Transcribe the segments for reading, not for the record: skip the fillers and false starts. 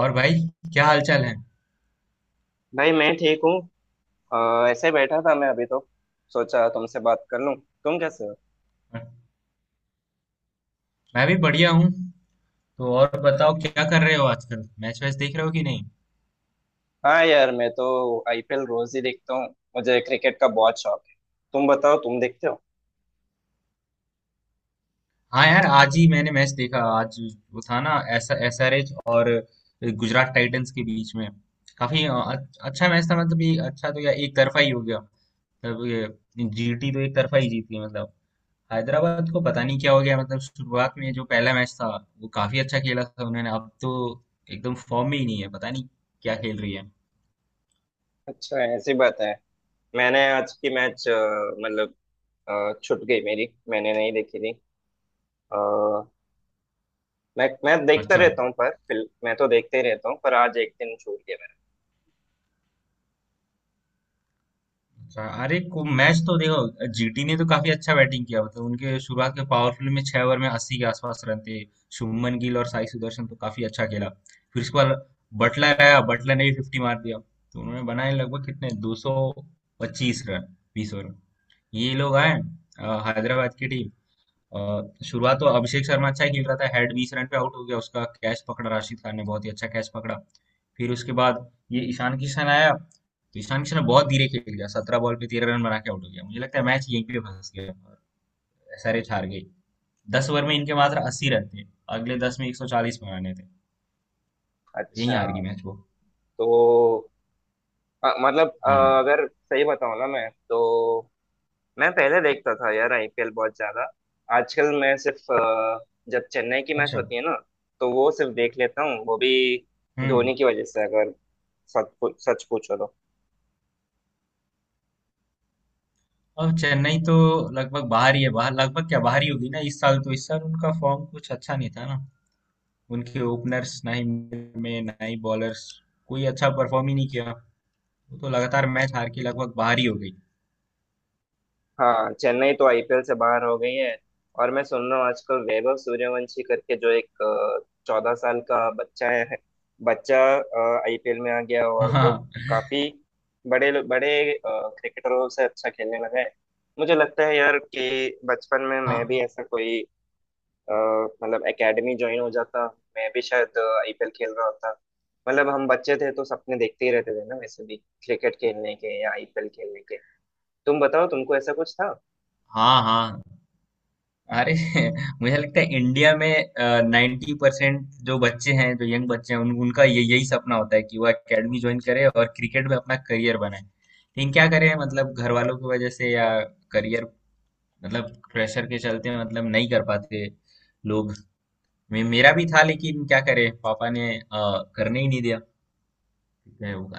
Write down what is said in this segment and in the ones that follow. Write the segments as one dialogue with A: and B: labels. A: और भाई, क्या हालचाल है।
B: भाई मैं ठीक हूँ। ऐसे ही बैठा था मैं अभी तो सोचा तुमसे बात कर लूँ। तुम कैसे हो?
A: मैं भी बढ़िया हूँ। तो और बताओ क्या कर रहे हो आजकल, मैच वैच देख रहे हो कि नहीं?
B: हाँ यार, मैं तो आईपीएल रोज ही देखता हूँ। मुझे क्रिकेट का बहुत शौक है। तुम बताओ, तुम देखते हो?
A: हाँ यार, आज ही मैंने मैच देखा आज। वो था ना एस एस आर एच और गुजरात टाइटंस के बीच में। काफी अच्छा मैच था। मतलब ये अच्छा तो, या एक तरफा ही हो गया। मतलब जीटी तो एक तरफा ही जीती। मतलब हैदराबाद को पता नहीं क्या हो गया। मतलब शुरुआत में जो पहला मैच था वो काफी अच्छा खेला था उन्होंने, अब तो एकदम फॉर्म में ही नहीं है, पता नहीं क्या खेल रही है।
B: अच्छा, ऐसी बात है। मैंने आज की मैच मतलब छूट गई मेरी, मैंने नहीं देखी थी। अ, मैं देखता
A: अच्छा।
B: रहता हूँ पर फिल मैं तो देखते ही रहता हूँ, पर आज एक दिन छूट गया
A: अच्छा, अरे को मैच तो देखो, जीटी ने तो काफी अच्छा बैटिंग किया। मतलब उनके शुरुआत के पावरफुल में 6 ओवर में 80 के आसपास रन थे। शुभमन गिल और साई सुदर्शन तो काफी अच्छा खेला। फिर उसके बाद बटलर आया, बटलर ने भी फिफ्टी मार दिया। तो उन्होंने बनाए लगभग, कितने, 225 रन, 20 ओवर में। ये लोग आए, हैदराबाद की टीम। अ, शुरुआत तो अभिषेक शर्मा अच्छा ही खेल रहा था, हेड 20 रन पे आउट हो गया, उसका कैच पकड़ा राशिद खान ने, बहुत ही अच्छा कैच पकड़ा। फिर उसके बाद ये ईशान किशन आया। तो ईशान किशन ने बहुत धीरे खेल गया, 17 बॉल पे 13 रन बना के आउट हो गया। मुझे लगता है मैच यहीं पे फंस गया और एसआरएच हार गई। 10 ओवर में इनके मात्र 80 रन थे, अगले 10 में 140 बनाने थे।
B: मेरा।
A: यहीं
B: अच्छा।
A: हार गई मैच वो।
B: तो अ, मतलब अ,
A: हाँ।
B: अगर सही बताऊँ ना, मैं तो मैं पहले देखता था यार आईपीएल बहुत ज्यादा। आजकल मैं सिर्फ जब चेन्नई की मैच
A: अच्छा।
B: होती है ना, तो वो सिर्फ देख लेता हूँ, वो भी
A: हम्म।
B: धोनी की वजह से। अगर सच पूछो तो
A: अब चेन्नई तो लगभग बाहर ही है, बाहर लगभग क्या, बाहर ही होगी ना इस साल तो। इस साल उनका फॉर्म कुछ अच्छा नहीं था ना, उनके ओपनर्स, ना ही middle में, ना ही बॉलर्स, कोई अच्छा परफॉर्म ही नहीं किया। वो तो लगातार मैच हार के लगभग बाहर ही हो गई।
B: हाँ, चेन्नई तो आईपीएल से बाहर हो गई है। और मैं सुन रहा हूँ आजकल वैभव सूर्यवंशी करके जो एक 14 साल का बच्चा है, बच्चा आईपीएल में आ गया और वो
A: हाँ,
B: काफी बड़े बड़े क्रिकेटरों से अच्छा खेलने लगा है। मुझे लगता है यार कि बचपन में मैं
A: हाँ।
B: भी ऐसा कोई अ, मतलब एकेडमी ज्वाइन हो जाता, मैं भी शायद आईपीएल खेल रहा होता। मतलब हम बच्चे थे तो सपने देखते ही रहते थे ना वैसे भी, क्रिकेट खेलने के या आईपीएल खेलने के। तुम बताओ, तुमको ऐसा कुछ था?
A: हाँ, हाँ। अरे मुझे लगता है इंडिया में 90% जो बच्चे हैं, जो यंग बच्चे हैं, उनका ये यही सपना होता है कि वो एकेडमी ज्वाइन करे और क्रिकेट में अपना करियर बनाए, लेकिन क्या करें, मतलब घर वालों की वजह से, या करियर, मतलब प्रेशर के चलते मतलब नहीं कर पाते लोग। मेरा भी था, लेकिन क्या करें, पापा ने करने ही नहीं दिया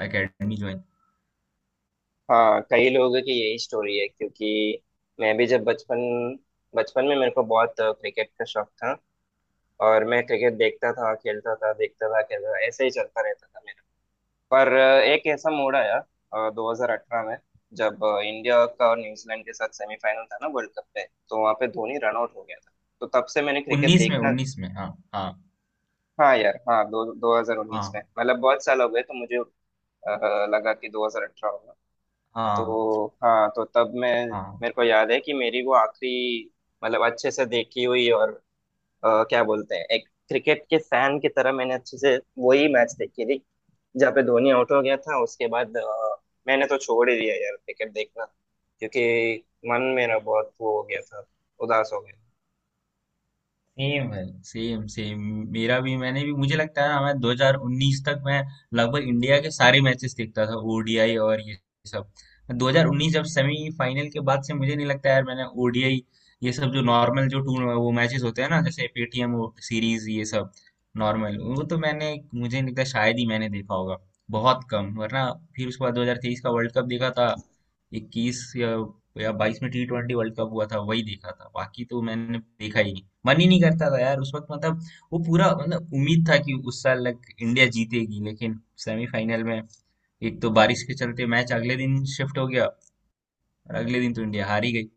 A: एकेडमी ज्वाइन।
B: हाँ, कई लोगों की यही स्टोरी है, क्योंकि मैं भी जब बचपन बचपन में मेरे को बहुत क्रिकेट का शौक था। और मैं क्रिकेट देखता था खेलता था देखता था खेलता था, ऐसे ही चलता रहता था मेरा। पर एक ऐसा मोड़ आया 2018 में, जब इंडिया का और न्यूजीलैंड के साथ सेमीफाइनल था ना वर्ल्ड कप में, तो वहां पे धोनी रन आउट हो गया था। तो तब से मैंने क्रिकेट
A: उन्नीस में,
B: देखना।
A: उन्नीस में। हाँ। हाँ,
B: हाँ यार हाँ, दो 2019 में,
A: हाँ,
B: मतलब बहुत साल हो गए तो मुझे लगा कि 2018 होगा।
A: हाँ,
B: तो हाँ, तो तब मैं
A: हाँ।
B: मेरे को याद है कि मेरी वो आखिरी, मतलब अच्छे से देखी हुई और क्या बोलते हैं, एक क्रिकेट के फैन की तरह मैंने अच्छे से वही मैच देखी थी, जहाँ पे धोनी आउट हो गया था। उसके बाद मैंने तो छोड़ ही दिया यार क्रिकेट देखना, क्योंकि मन मेरा बहुत वो हो गया था, उदास हो गया
A: सेम है, सेम सेम। मेरा भी, मैंने भी, मुझे लगता है ना, मैं 2019 तक मैं लगभग इंडिया के सारे मैचेस देखता था, ओडीआई और ये सब। 2019 जब सेमीफाइनल के बाद से मुझे नहीं लगता यार मैंने ओडीआई ये सब जो नॉर्मल जो टूर वो मैचेस होते हैं ना, जैसे पेटीएम सीरीज ये सब नॉर्मल वो, तो मैंने, मुझे नहीं लगता शायद ही मैंने देखा होगा, बहुत कम, वरना। फिर उसके बाद 2023 का वर्ल्ड कप देखा था। 21 या 22 में टी ट्वेंटी वर्ल्ड कप हुआ था, वही देखा था। बाकी तो मैंने देखा ही नहीं, मन ही नहीं करता था यार उस वक्त। मतलब वो पूरा, मतलब उम्मीद था कि उस साल लग इंडिया जीतेगी, लेकिन सेमीफाइनल में एक तो बारिश के चलते मैच अगले दिन शिफ्ट हो गया और अगले दिन तो इंडिया हार ही गई।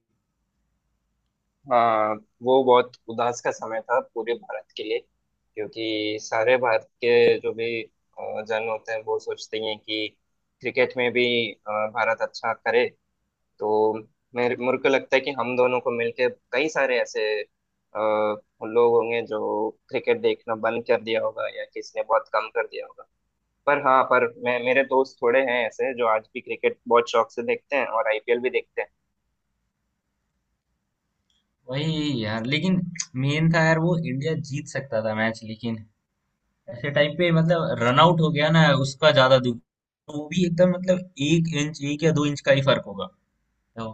B: था। वो बहुत उदास का समय था पूरे भारत के लिए, क्योंकि सारे भारत के जो भी जन होते हैं, वो सोचते हैं कि क्रिकेट में भी भारत अच्छा करे। तो मेरे मेरे को लगता है कि हम दोनों को मिलकर कई सारे ऐसे लोग होंगे जो क्रिकेट देखना बंद कर दिया होगा या किसने बहुत कम कर दिया होगा। पर हाँ, पर मैं मेरे दोस्त थोड़े हैं ऐसे जो आज भी क्रिकेट बहुत शौक से देखते हैं और आईपीएल भी देखते हैं।
A: वही यार, लेकिन मेन था यार, वो इंडिया जीत सकता था मैच, लेकिन ऐसे टाइम पे मतलब रन आउट हो गया ना, उसका ज्यादा दुख। वो भी एकदम, मतलब एक इंच, एक या दो इंच का ही फर्क होगा, तो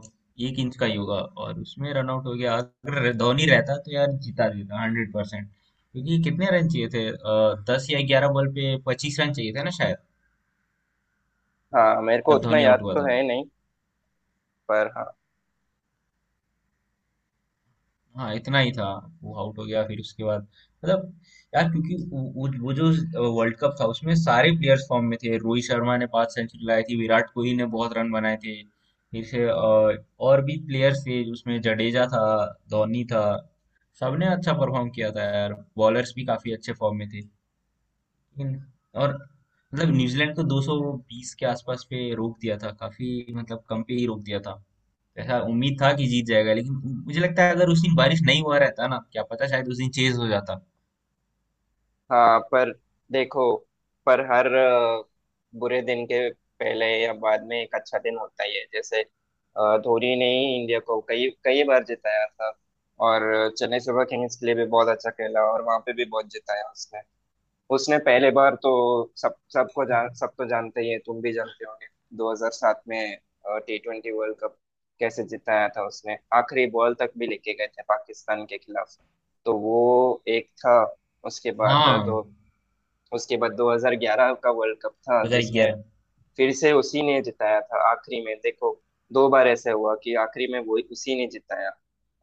A: एक इंच का ही होगा। और उसमें रन आउट हो गया, अगर धोनी रहता तो यार जीता देता 100%। क्योंकि कितने रन चाहिए थे, 10 या 11 बॉल पे 25 रन चाहिए थे ना शायद,
B: हाँ, मेरे को
A: जब
B: उतना
A: धोनी
B: याद
A: आउट हुआ
B: तो
A: था।
B: है नहीं, पर हाँ
A: हाँ इतना ही था। वो आउट हो गया, फिर उसके बाद मतलब, यार क्योंकि वो जो वर्ल्ड कप था, उसमें सारे प्लेयर्स फॉर्म में थे, रोहित शर्मा ने 5 सेंचुरी लाई थी, विराट कोहली ने बहुत रन बनाए थे। फिर से और भी प्लेयर्स थे उसमें, जडेजा था, धोनी था, सबने अच्छा परफॉर्म किया था यार, बॉलर्स भी काफी अच्छे फॉर्म में थे, लेकिन, और, मतलब न्यूजीलैंड को 220 के आसपास पे रोक दिया था, काफी मतलब कम पे ही रोक दिया था। ऐसा उम्मीद था कि जीत जाएगा, लेकिन मुझे लगता है अगर उस दिन बारिश नहीं हुआ रहता ना, क्या पता शायद उस दिन चेज हो जाता।
B: हाँ। पर देखो, पर हर बुरे दिन के पहले या बाद में एक अच्छा दिन होता ही है, जैसे धोनी ने ही इंडिया को कई कई बार जिताया था। और चेन्नई सुपर किंग्स के लिए भी बहुत अच्छा खेला और वहां पे भी बहुत जिताया उसने। उसने पहले बार तो सब सबको जान, सब तो जानते ही है, तुम भी जानते होंगे, 2007 में टी ट्वेंटी वर्ल्ड कप कैसे जिताया था उसने, आखिरी बॉल तक भी लेके गए थे पाकिस्तान के खिलाफ। तो वो एक था। उसके बाद दो,
A: हाँ।
B: उसके बाद 2011 का वर्ल्ड कप था जिसमें
A: 2011।
B: फिर से उसी ने जिताया था आखिरी में। देखो, दो बार ऐसा हुआ कि आखिरी में वो उसी ने जिताया।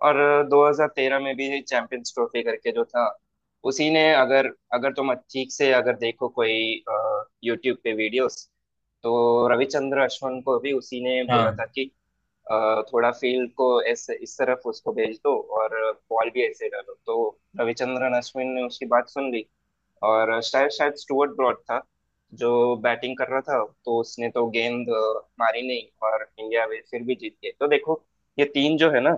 B: और 2013 में भी चैंपियंस ट्रॉफी करके जो था, उसी ने, अगर अगर तुम ठीक से अगर देखो कोई यूट्यूब पे वीडियोस, तो रविचंद्र अश्विन को भी उसी ने बोला था
A: हाँ।
B: कि थोड़ा फील्ड को ऐसे इस तरफ उसको भेज दो और बॉल भी ऐसे डालो। तो रविचंद्रन अश्विन ने उसकी बात सुन ली, और शायद शायद स्टुअर्ट ब्रॉड था जो बैटिंग कर रहा था, तो उसने तो गेंद मारी नहीं, और इंडिया वे फिर भी जीत गई। तो देखो, ये तीन जो है ना,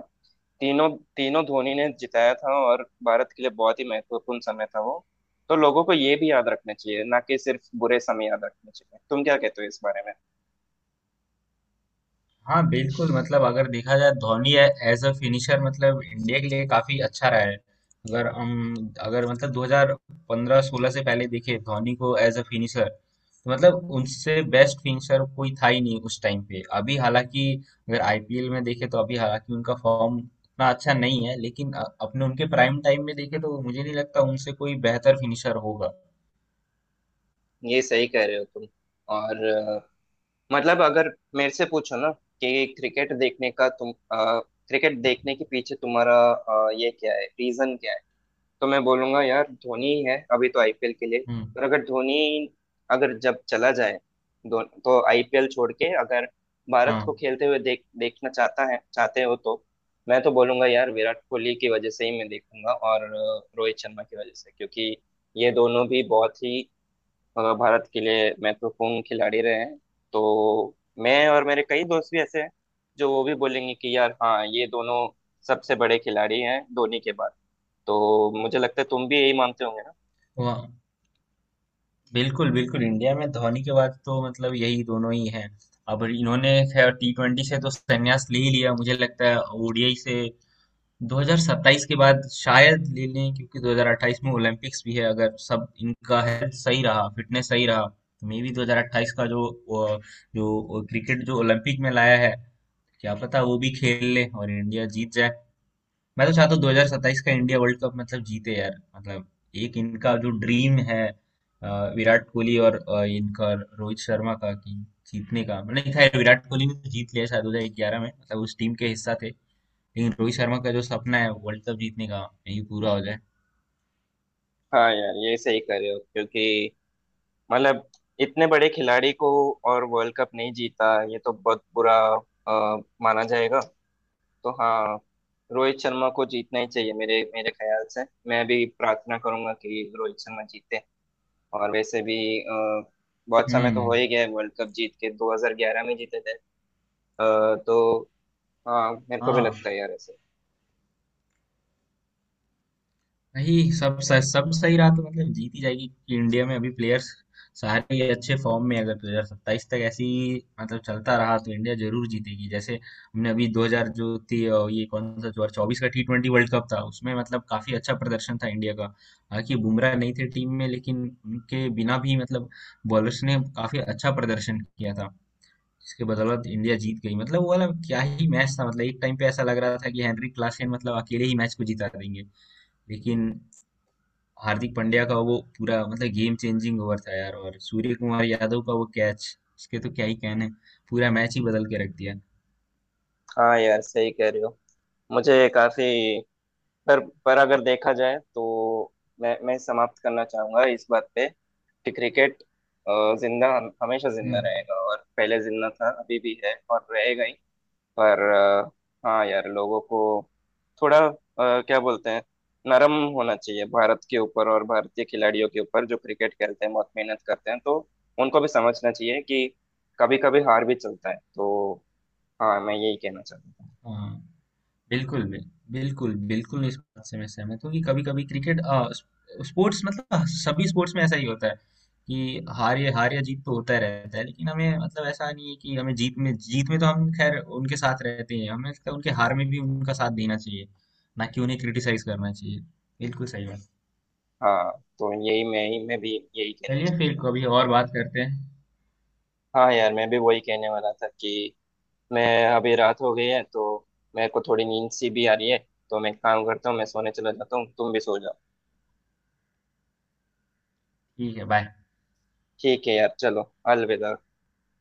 B: तीनों, तीनों धोनी ने जिताया था, और भारत के लिए बहुत ही महत्वपूर्ण समय था वो। तो लोगों को ये भी याद रखना चाहिए ना, कि सिर्फ बुरे समय याद रखने चाहिए? तुम क्या कहते हो इस बारे में?
A: हाँ बिल्कुल, मतलब अगर देखा जाए, धोनी एज अ फिनिशर, मतलब इंडिया के लिए काफी अच्छा रहा है। अगर हम, अगर मतलब 2015-16 से पहले देखे धोनी को एज अ फिनिशर, तो मतलब उनसे बेस्ट फिनिशर कोई था ही नहीं उस टाइम पे। अभी हालांकि अगर आईपीएल में देखे तो अभी हालांकि उनका फॉर्म उतना अच्छा नहीं है, लेकिन अपने उनके प्राइम टाइम में देखे तो मुझे नहीं लगता उनसे कोई बेहतर फिनिशर होगा।
B: ये सही कह रहे हो तुम। और मतलब, अगर मेरे से पूछो ना कि क्रिकेट देखने का तुम क्रिकेट देखने के पीछे तुम्हारा ये क्या है, रीजन क्या है, तो मैं बोलूंगा यार धोनी ही है अभी तो आईपीएल के लिए।
A: हम्म।
B: और अगर धोनी अगर जब चला जाए, तो आईपीएल छोड़ के, अगर भारत को खेलते हुए देखना चाहता है, चाहते हो, तो मैं तो बोलूंगा यार विराट कोहली की वजह से ही मैं देखूंगा, और रोहित शर्मा की वजह से, क्योंकि ये दोनों भी बहुत ही भारत के लिए महत्वपूर्ण खिलाड़ी रहे हैं। तो मैं और मेरे कई दोस्त भी ऐसे हैं जो वो भी बोलेंगे कि यार हाँ, ये दोनों सबसे बड़े खिलाड़ी हैं धोनी के बाद। तो मुझे लगता है तुम भी यही मानते होंगे ना।
A: हाँ बिल्कुल बिल्कुल, इंडिया में धोनी के बाद तो मतलब यही दोनों ही हैं। अब इन्होंने खैर टी ट्वेंटी से तो संन्यास ले ही लिया मुझे लगता है, ओडीआई से 2027 के बाद शायद ले लें, क्योंकि 2028 में ओलंपिक्स भी है। अगर सब इनका हेल्थ सही रहा, फिटनेस सही रहा, तो मे बी 2028 का जो वो- जो क्रिकेट जो ओलंपिक में लाया है, क्या पता वो भी खेल ले और इंडिया जीत जाए। मैं तो चाहता हूँ 2027 का इंडिया वर्ल्ड कप मतलब जीते यार। मतलब एक इनका जो ड्रीम है, अ, विराट कोहली और इनका रोहित शर्मा का, कि जीतने का, मतलब खैर विराट कोहली ने तो जीत लिया शायद 2011 में, मतलब उस टीम के हिस्सा थे, लेकिन रोहित शर्मा का जो सपना है वर्ल्ड कप जीतने का, ये पूरा हो जाए।
B: हाँ यार, ये सही कर रहे हो, क्योंकि मतलब इतने बड़े खिलाड़ी को और वर्ल्ड कप नहीं जीता, ये तो बहुत बुरा माना जाएगा। तो हाँ, रोहित शर्मा को जीतना ही चाहिए, मेरे मेरे ख्याल से। मैं भी प्रार्थना करूंगा कि रोहित शर्मा जीते। और वैसे भी अ, बहुत समय तो हो
A: हम्म।
B: ही गया है वर्ल्ड कप जीत के, 2011 में जीते थे। तो हाँ, मेरे को भी
A: हाँ
B: लगता है यार ऐसे।
A: नहीं, सब सब सही रहा तो मतलब जीत ही जाएगी, क्योंकि इंडिया में अभी प्लेयर्स सारे ही अच्छे फॉर्म में हैं। अगर 2027 तक ऐसी मतलब चलता रहा तो इंडिया जरूर जीतेगी। जैसे हमने अभी 2000 जो थी, ये कौन सा 2024 का टी ट्वेंटी वर्ल्ड कप था, उसमें मतलब काफी अच्छा प्रदर्शन था इंडिया का, हालांकि बुमराह नहीं थे टीम में, लेकिन उनके बिना भी मतलब बॉलर्स ने काफी अच्छा प्रदर्शन किया था, जिसके बदौलत इंडिया जीत गई। मतलब वो वाला क्या ही मैच था, मतलब एक टाइम पे ऐसा लग रहा था कि हेनरी क्लासेन मतलब अकेले ही मैच को जिता देंगे, लेकिन हार्दिक पांड्या का वो पूरा, मतलब गेम चेंजिंग ओवर था यार, और सूर्य कुमार यादव का वो कैच, उसके तो क्या ही कहने, पूरा मैच ही बदल के रख दिया।
B: हाँ यार, सही कह रहे हो। मुझे काफी, पर पर अगर देखा जाए तो मैं समाप्त करना चाहूंगा इस बात पे कि क्रिकेट अ, जिंदा हमेशा जिंदा
A: हम्म।
B: रहेगा, और पहले जिंदा था, अभी भी है और रहेगा ही। पर हाँ यार, लोगों को थोड़ा क्या बोलते हैं, नरम होना चाहिए भारत के ऊपर और भारतीय खिलाड़ियों के ऊपर, जो क्रिकेट खेलते हैं, बहुत मेहनत करते हैं। तो उनको भी समझना चाहिए कि कभी कभी हार भी चलता है। तो हाँ, मैं यही कहना चाहता था।
A: हाँ बिल्कुल, बिल्कुल, बिल्कुल इस बात से मैं सहमत हूँ कि कभी कभी क्रिकेट, स्पोर्ट्स, मतलब सभी स्पोर्ट्स में ऐसा ही होता है, कि हार, या हार या जीत तो होता रहता है, लेकिन हमें, मतलब ऐसा नहीं है कि हमें जीत में, जीत में तो हम खैर उनके साथ रहते हैं, हमें लगता है उनके हार में भी उनका साथ देना चाहिए, ना कि उन्हें क्रिटिसाइज करना चाहिए। बिल्कुल सही।
B: हाँ, तो यही मैं भी यही कहना
A: चलिए
B: चाहता
A: फिर
B: था।
A: कभी और बात करते हैं।
B: हाँ यार, मैं भी वही कहने वाला था कि मैं, अभी रात हो गई है तो मेरे को थोड़ी नींद सी भी आ रही है, तो मैं एक काम करता हूँ, मैं सोने चला जाता हूँ, तुम भी सो जाओ।
A: ठीक है, बाय।
B: ठीक है यार, चलो अलविदा।